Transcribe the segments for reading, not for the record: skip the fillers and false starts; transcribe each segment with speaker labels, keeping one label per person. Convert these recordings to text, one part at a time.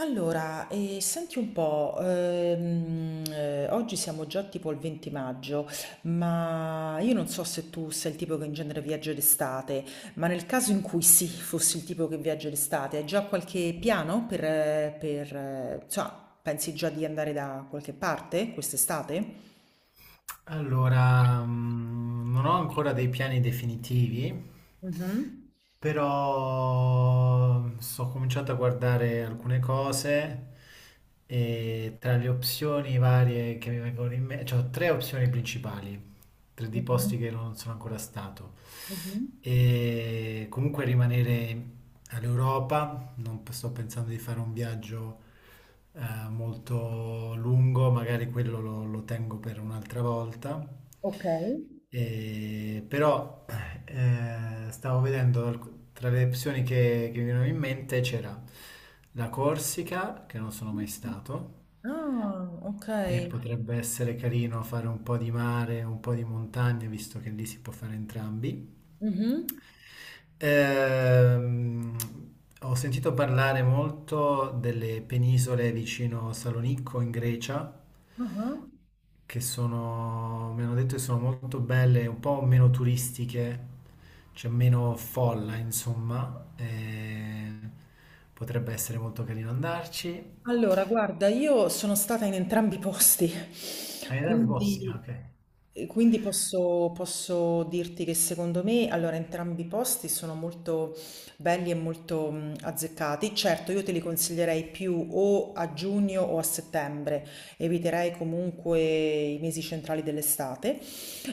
Speaker 1: Allora, senti un po', oggi siamo già tipo il 20 maggio, ma io non so se tu sei il tipo che in genere viaggia d'estate, ma nel caso in cui sì, fossi il tipo che viaggia d'estate, hai già qualche piano per, insomma, pensi già di andare da qualche parte quest'estate?
Speaker 2: Allora, non ho ancora dei piani definitivi,
Speaker 1: Mhm.
Speaker 2: però sto cominciando a guardare alcune cose e tra le opzioni varie che mi vengono in mente, cioè ho tre opzioni principali, tre di
Speaker 1: Mhm.
Speaker 2: posti che non sono ancora stato.
Speaker 1: Mhm.
Speaker 2: E comunque rimanere all'Europa, non sto pensando di fare un viaggio molto lungo, magari quello lo tengo per un'altra volta.
Speaker 1: Ok.
Speaker 2: Però stavo vedendo tra le opzioni che mi venivano in mente c'era la Corsica, che non sono mai stato,
Speaker 1: Ah, ok.
Speaker 2: e potrebbe essere carino fare un po' di mare, un po' di montagna, visto che lì si può fare entrambi.
Speaker 1: Mhm.
Speaker 2: Ehm, Ho sentito parlare molto delle penisole vicino Salonicco in Grecia,
Speaker 1: Ah.
Speaker 2: che sono, mi hanno detto che sono molto belle, un po' meno turistiche, c'è meno folla, insomma, e potrebbe essere molto carino andarci.
Speaker 1: Allora, guarda, io sono stata in entrambi i posti,
Speaker 2: Hai idea dei posti? Ah,
Speaker 1: quindi,
Speaker 2: ok.
Speaker 1: e quindi posso dirti che secondo me, allora, entrambi i posti sono molto belli e molto azzeccati. Certo, io te li consiglierei più o a giugno o a settembre, eviterei comunque i mesi centrali dell'estate.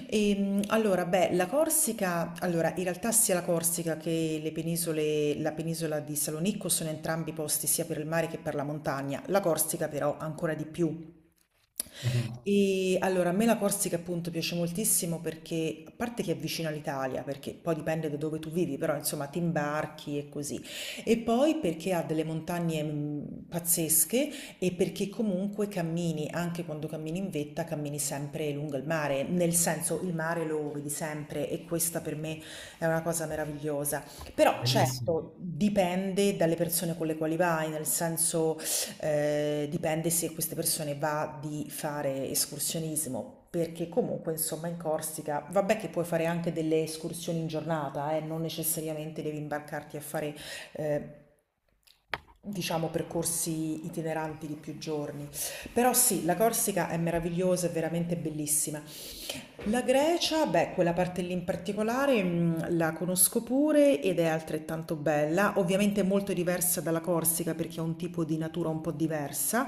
Speaker 1: Allora, beh, la Corsica, allora, in realtà sia la Corsica che le penisole, la penisola di Salonicco sono entrambi posti sia per il mare che per la montagna. La Corsica però ancora di più
Speaker 2: Mhm.
Speaker 1: e allora, a me la Corsica appunto piace moltissimo perché, a parte che è vicina all'Italia, perché poi dipende da dove tu vivi, però insomma ti imbarchi e così, e poi perché ha delle montagne pazzesche e perché comunque cammini, anche quando cammini in vetta, cammini sempre lungo il mare, nel senso il mare lo vedi sempre e questa per me è una cosa meravigliosa. Però
Speaker 2: Bellissimo.
Speaker 1: certo, dipende dalle persone con le quali vai, nel senso. Dipende se queste persone va di fare escursionismo, perché comunque insomma in Corsica, vabbè che puoi fare anche delle escursioni in giornata, non necessariamente devi imbarcarti a fare eh, diciamo percorsi itineranti di più giorni. Però sì, la Corsica è meravigliosa, è veramente bellissima. La Grecia, beh, quella parte lì in particolare la conosco pure ed è altrettanto bella, ovviamente molto diversa dalla Corsica perché ha un tipo di natura un po' diversa,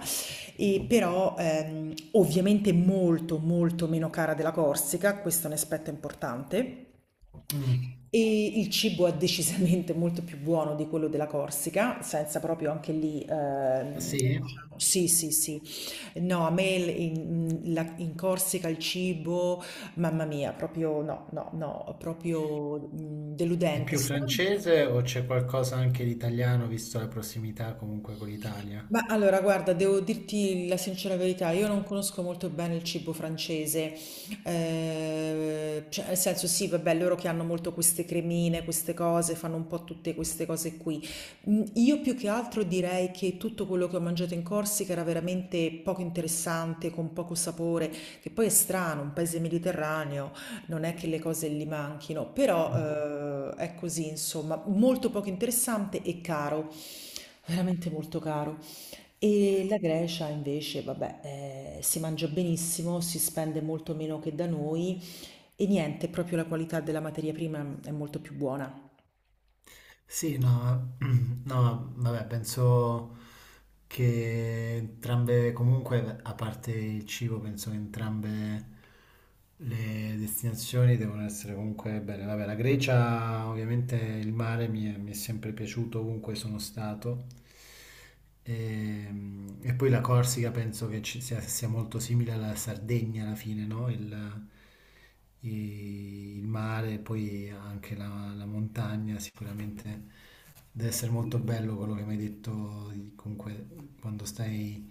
Speaker 1: e però ovviamente molto meno cara della Corsica, questo è un aspetto importante.
Speaker 2: Mm.
Speaker 1: E il cibo è decisamente molto più buono di quello della Corsica, senza proprio anche lì,
Speaker 2: Ah, sì?
Speaker 1: diciamo, sì, sì, sì. No, a me in Corsica il cibo, mamma mia, proprio no, no, no, proprio
Speaker 2: È
Speaker 1: deludente.
Speaker 2: più
Speaker 1: Strano.
Speaker 2: francese o c'è qualcosa anche di italiano, visto la prossimità comunque con l'Italia?
Speaker 1: Ma allora, guarda, devo dirti la sincera verità, io non conosco molto bene il cibo francese, cioè, nel senso sì, vabbè, loro che hanno molto queste cremine, queste cose, fanno un po' tutte queste cose qui. Io più che altro direi che tutto quello che ho mangiato in Corsica era veramente poco interessante, con poco sapore, che poi è strano, un paese mediterraneo, non è che le cose gli manchino,
Speaker 2: Mm.
Speaker 1: però è così, insomma, molto poco interessante e caro. Veramente molto caro. E la Grecia invece, vabbè, si mangia benissimo, si spende molto meno che da noi e niente, proprio la qualità della materia prima è molto più buona.
Speaker 2: Sì, no, no, vabbè, penso che entrambe, comunque, a parte il cibo, penso che entrambe le destinazioni devono essere comunque belle. Vabbè, la Grecia, ovviamente, il mare mi è sempre piaciuto ovunque sono stato. Ehm, E poi la Corsica penso che sia molto simile alla Sardegna alla fine, no? Il mare, poi anche la montagna, sicuramente deve essere molto bello quello che mi hai detto, comunque quando stai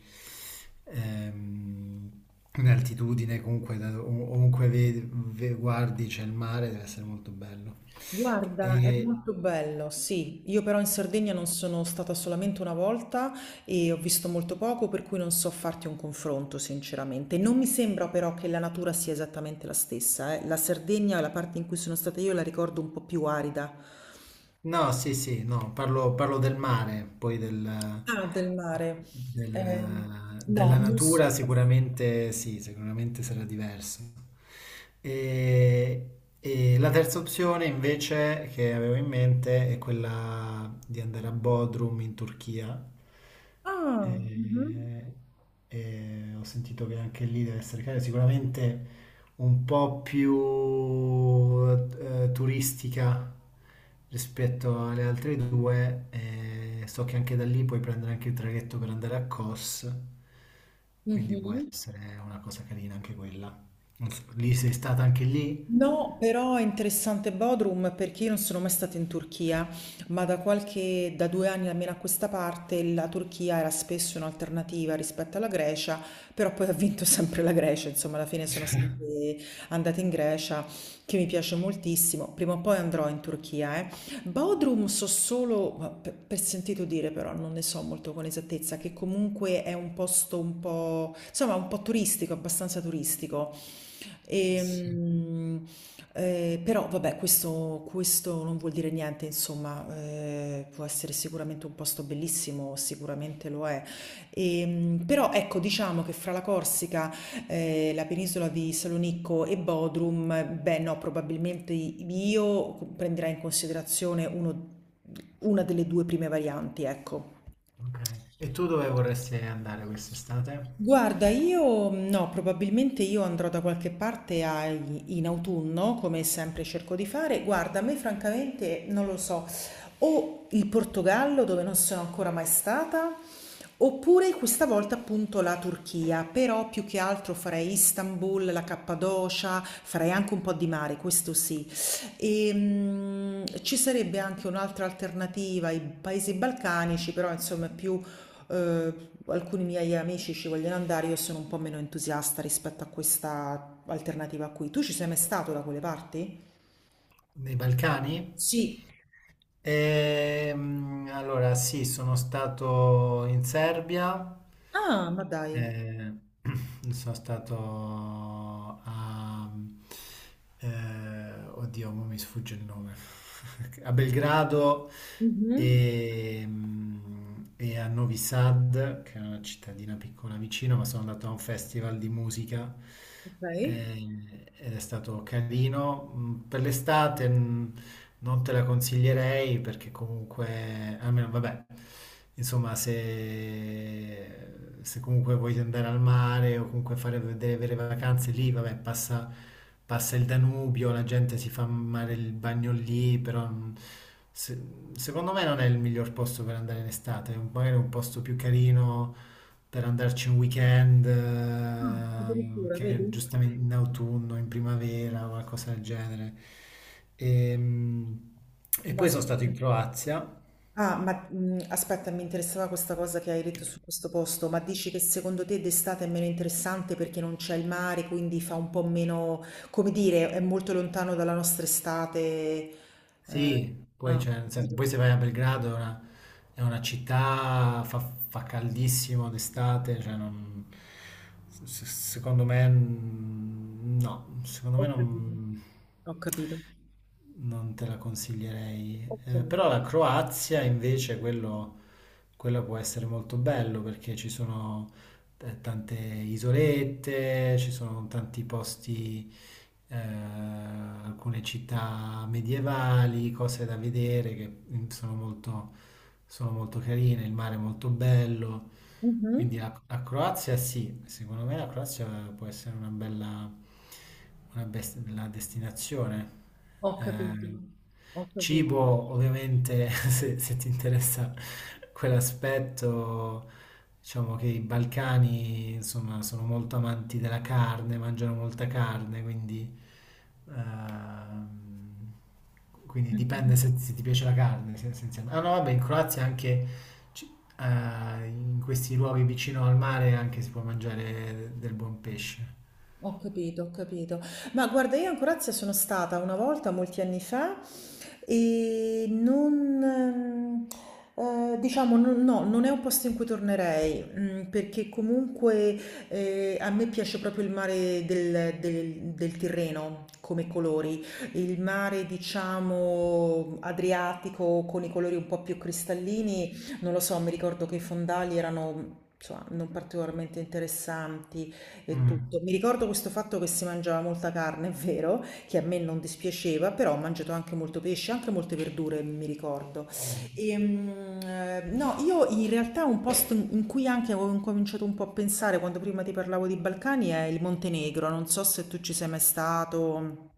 Speaker 2: ehm, in altitudine, comunque ovunque guardi c'è il mare, deve essere molto bello.
Speaker 1: Guarda, è
Speaker 2: E,
Speaker 1: molto bello, sì. Io però in Sardegna non sono stata solamente una volta e ho visto molto poco, per cui non so farti un confronto, sinceramente. Non mi sembra però che la natura sia esattamente la stessa, eh. La Sardegna, la parte in cui sono stata io, la ricordo un po' più arida.
Speaker 2: No, sì, sì, no, parlo del mare,
Speaker 1: Ah, del mare. Eh, no,
Speaker 2: della
Speaker 1: non so.
Speaker 2: natura sicuramente sì, sicuramente sarà diverso. E, e la terza opzione invece che avevo in mente è quella di andare a Bodrum in Turchia.
Speaker 1: Ah, mh-mh.
Speaker 2: E, e ho sentito che anche lì deve essere caro, sicuramente un po' più turistica rispetto alle altre due. E so che anche da lì puoi prendere anche il traghetto per andare a Kos, quindi può
Speaker 1: Mh-mh.
Speaker 2: essere una cosa carina anche quella. Non so, lì sei stata anche lì?
Speaker 1: No, però è interessante Bodrum perché io non sono mai stata in Turchia, ma da 2 anni almeno a questa parte la Turchia era spesso un'alternativa rispetto alla Grecia, però poi ha vinto sempre la Grecia, insomma alla fine sono sempre andata in Grecia, che mi piace moltissimo, prima o poi andrò in Turchia, eh. Bodrum so solo, per sentito dire però, non ne so molto con esattezza, che comunque è un posto un po', insomma un po' turistico, abbastanza turistico.
Speaker 2: Sì.
Speaker 1: Ehm, Però vabbè, questo non vuol dire niente, insomma, può essere sicuramente un posto bellissimo, sicuramente lo è. Però ecco, diciamo che fra la Corsica, la penisola di Salonicco e Bodrum, beh no, probabilmente io prenderei in considerazione una delle due prime varianti, ecco.
Speaker 2: Ok. E tu dove vorresti andare quest'estate?
Speaker 1: Guarda, io no, probabilmente io andrò da qualche parte in autunno, come sempre cerco di fare. Guarda, a me francamente non lo so, o il Portogallo dove non sono ancora mai stata, oppure questa volta appunto la Turchia, però più che altro farei Istanbul, la Cappadocia, farei anche un po' di mare, questo sì. E, ci sarebbe anche un'altra alternativa, i paesi balcanici, però insomma è più eh, alcuni miei amici ci vogliono andare, io sono un po' meno entusiasta rispetto a questa alternativa qui. Tu ci sei mai stato da quelle parti?
Speaker 2: Nei Balcani?
Speaker 1: Sì.
Speaker 2: Allora, sì, sono stato in Serbia,
Speaker 1: Ah, ma dai.
Speaker 2: eh, sono stato a... oddio, mo mi sfugge il nome. A Belgrado
Speaker 1: Mhm.
Speaker 2: e, e a Novi Sad, che è una cittadina piccola vicino, ma sono andato a un festival di musica
Speaker 1: Ok.
Speaker 2: eh, ed è stato carino. Mm. Per l'estate, non te la consiglierei perché comunque, almeno vabbè, insomma, se comunque vuoi andare al mare o comunque fare delle vere vacanze lì, vabbè, passa il Danubio, la gente si fa mare il bagno lì, però se- secondo me non è il miglior posto per andare in estate, magari un posto più carino, per andarci un weekend,
Speaker 1: Ah, addirittura,
Speaker 2: che
Speaker 1: vedi?
Speaker 2: giustamente in autunno, in primavera, qualcosa del genere. Ehm, E
Speaker 1: Ma
Speaker 2: poi sono stato
Speaker 1: scusa.
Speaker 2: in Croazia.
Speaker 1: Ah, aspetta, mi interessava questa cosa che hai detto su questo posto, ma dici che secondo te d'estate è meno interessante perché non c'è il mare, quindi fa un po' meno, come dire, è molto lontano dalla nostra estate. eh,
Speaker 2: Sì, poi,
Speaker 1: Ho
Speaker 2: cioè, nel senso,
Speaker 1: capito, ho
Speaker 2: poi se vai
Speaker 1: capito.
Speaker 2: a Belgrado è una città, fa caldissimo d'estate, secondo me no, secondo
Speaker 1: Ho
Speaker 2: me
Speaker 1: capito.
Speaker 2: non...
Speaker 1: Ho capito.
Speaker 2: Non te la consiglierei.
Speaker 1: Okay.
Speaker 2: Però la Croazia invece, quello può essere molto bello perché ci sono tante isolette, ci sono tanti posti, alcune città medievali, cose da vedere che sono molto carine, il mare è molto bello,
Speaker 1: Mh-mh.
Speaker 2: quindi la Croazia sì, secondo me la Croazia può essere una bella, bella destinazione.
Speaker 1: Ho capito.
Speaker 2: Eh,
Speaker 1: Ho capito.
Speaker 2: Cibo, ovviamente, se ti interessa quell'aspetto, diciamo che i Balcani, insomma, sono molto amanti della carne, mangiano molta carne, quindi ehm, quindi
Speaker 1: Mh-mh.
Speaker 2: dipende se ti piace la carne, essenzialmente. Ah no, vabbè, in Croazia anche ci- in questi luoghi vicino al mare anche si può mangiare del buon pesce.
Speaker 1: Ho capito, ho capito. Ma guarda, io in Croazia sono stata una volta, molti anni fa, e non, diciamo, no, non è un posto in cui tornerei, perché comunque a me piace proprio il mare del Tirreno come colori, il mare, diciamo, Adriatico con i colori un po' più cristallini, non lo so, mi ricordo che i fondali erano. Insomma, non particolarmente interessanti, e
Speaker 2: Mm.
Speaker 1: tutto. Mi ricordo questo fatto che si mangiava molta carne, è vero, che a me non dispiaceva, però ho mangiato anche molto pesce, anche molte verdure, mi ricordo. E, no, io in realtà un posto in cui anche avevo incominciato un po' a pensare quando prima ti parlavo di Balcani è il Montenegro, non so se tu ci sei mai stato.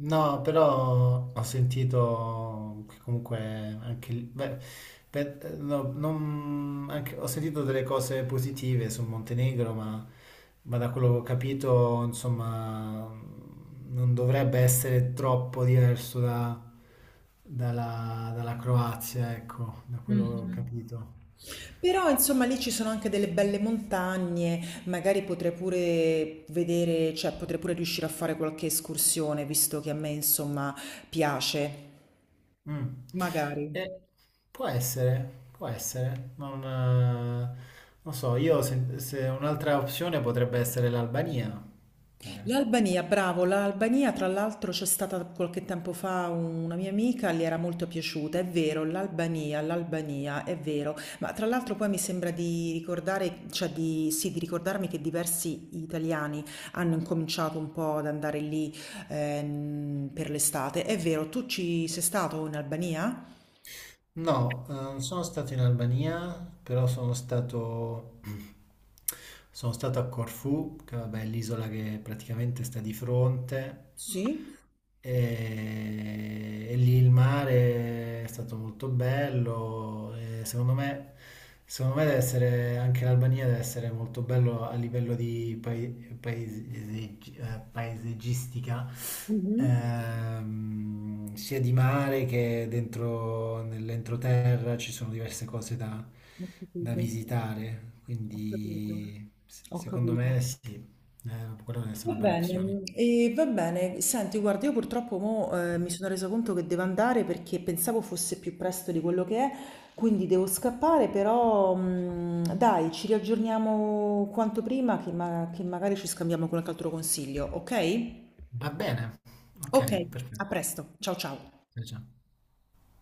Speaker 2: No, però ho sentito che comunque beh, ho sentito delle cose positive sul Montenegro, ma da quello che ho capito, insomma, non dovrebbe essere troppo diverso dalla, dalla Croazia, ecco, da quello che ho
Speaker 1: Mhm.
Speaker 2: capito.
Speaker 1: Però insomma lì ci sono anche delle belle montagne, magari potrei pure vedere, cioè potrei pure riuscire a fare qualche escursione, visto che a me insomma piace.
Speaker 2: Mm.
Speaker 1: Magari.
Speaker 2: Eh, può essere, non so, io se, se un'altra opzione potrebbe essere l'Albania, pure.
Speaker 1: L'Albania, bravo, l'Albania tra l'altro c'è stata qualche tempo fa una mia amica, le era molto piaciuta, è vero, l'Albania, è vero, ma tra l'altro poi mi sembra di ricordare, sì, di ricordarmi che diversi italiani hanno incominciato un po' ad andare lì per l'estate, è vero, tu ci sei stato in Albania?
Speaker 2: No, non sono stato in Albania, però sono stato a Corfù, che vabbè, è l'isola che praticamente sta di fronte,
Speaker 1: Sì?
Speaker 2: e lì il mare è stato molto bello, e secondo me deve essere, anche l'Albania deve essere molto bello a livello di paesaggistica.
Speaker 1: Mhm,
Speaker 2: Sia di mare che dentro nell'entroterra ci sono diverse cose
Speaker 1: ho
Speaker 2: da
Speaker 1: capito,
Speaker 2: visitare,
Speaker 1: ho capito,
Speaker 2: quindi
Speaker 1: ho
Speaker 2: secondo
Speaker 1: capito.
Speaker 2: me sì, quella deve essere
Speaker 1: Va
Speaker 2: una bella opzione.
Speaker 1: bene, e va bene. Senti, guarda, io purtroppo mo, mi sono resa conto che devo andare perché pensavo fosse più presto di quello che è, quindi devo scappare, però dai, ci riaggiorniamo quanto prima che magari ci scambiamo qualche altro consiglio, ok?
Speaker 2: Va bene, ok,
Speaker 1: Ok, a
Speaker 2: perfetto.
Speaker 1: presto. Ciao ciao.
Speaker 2: Eh già.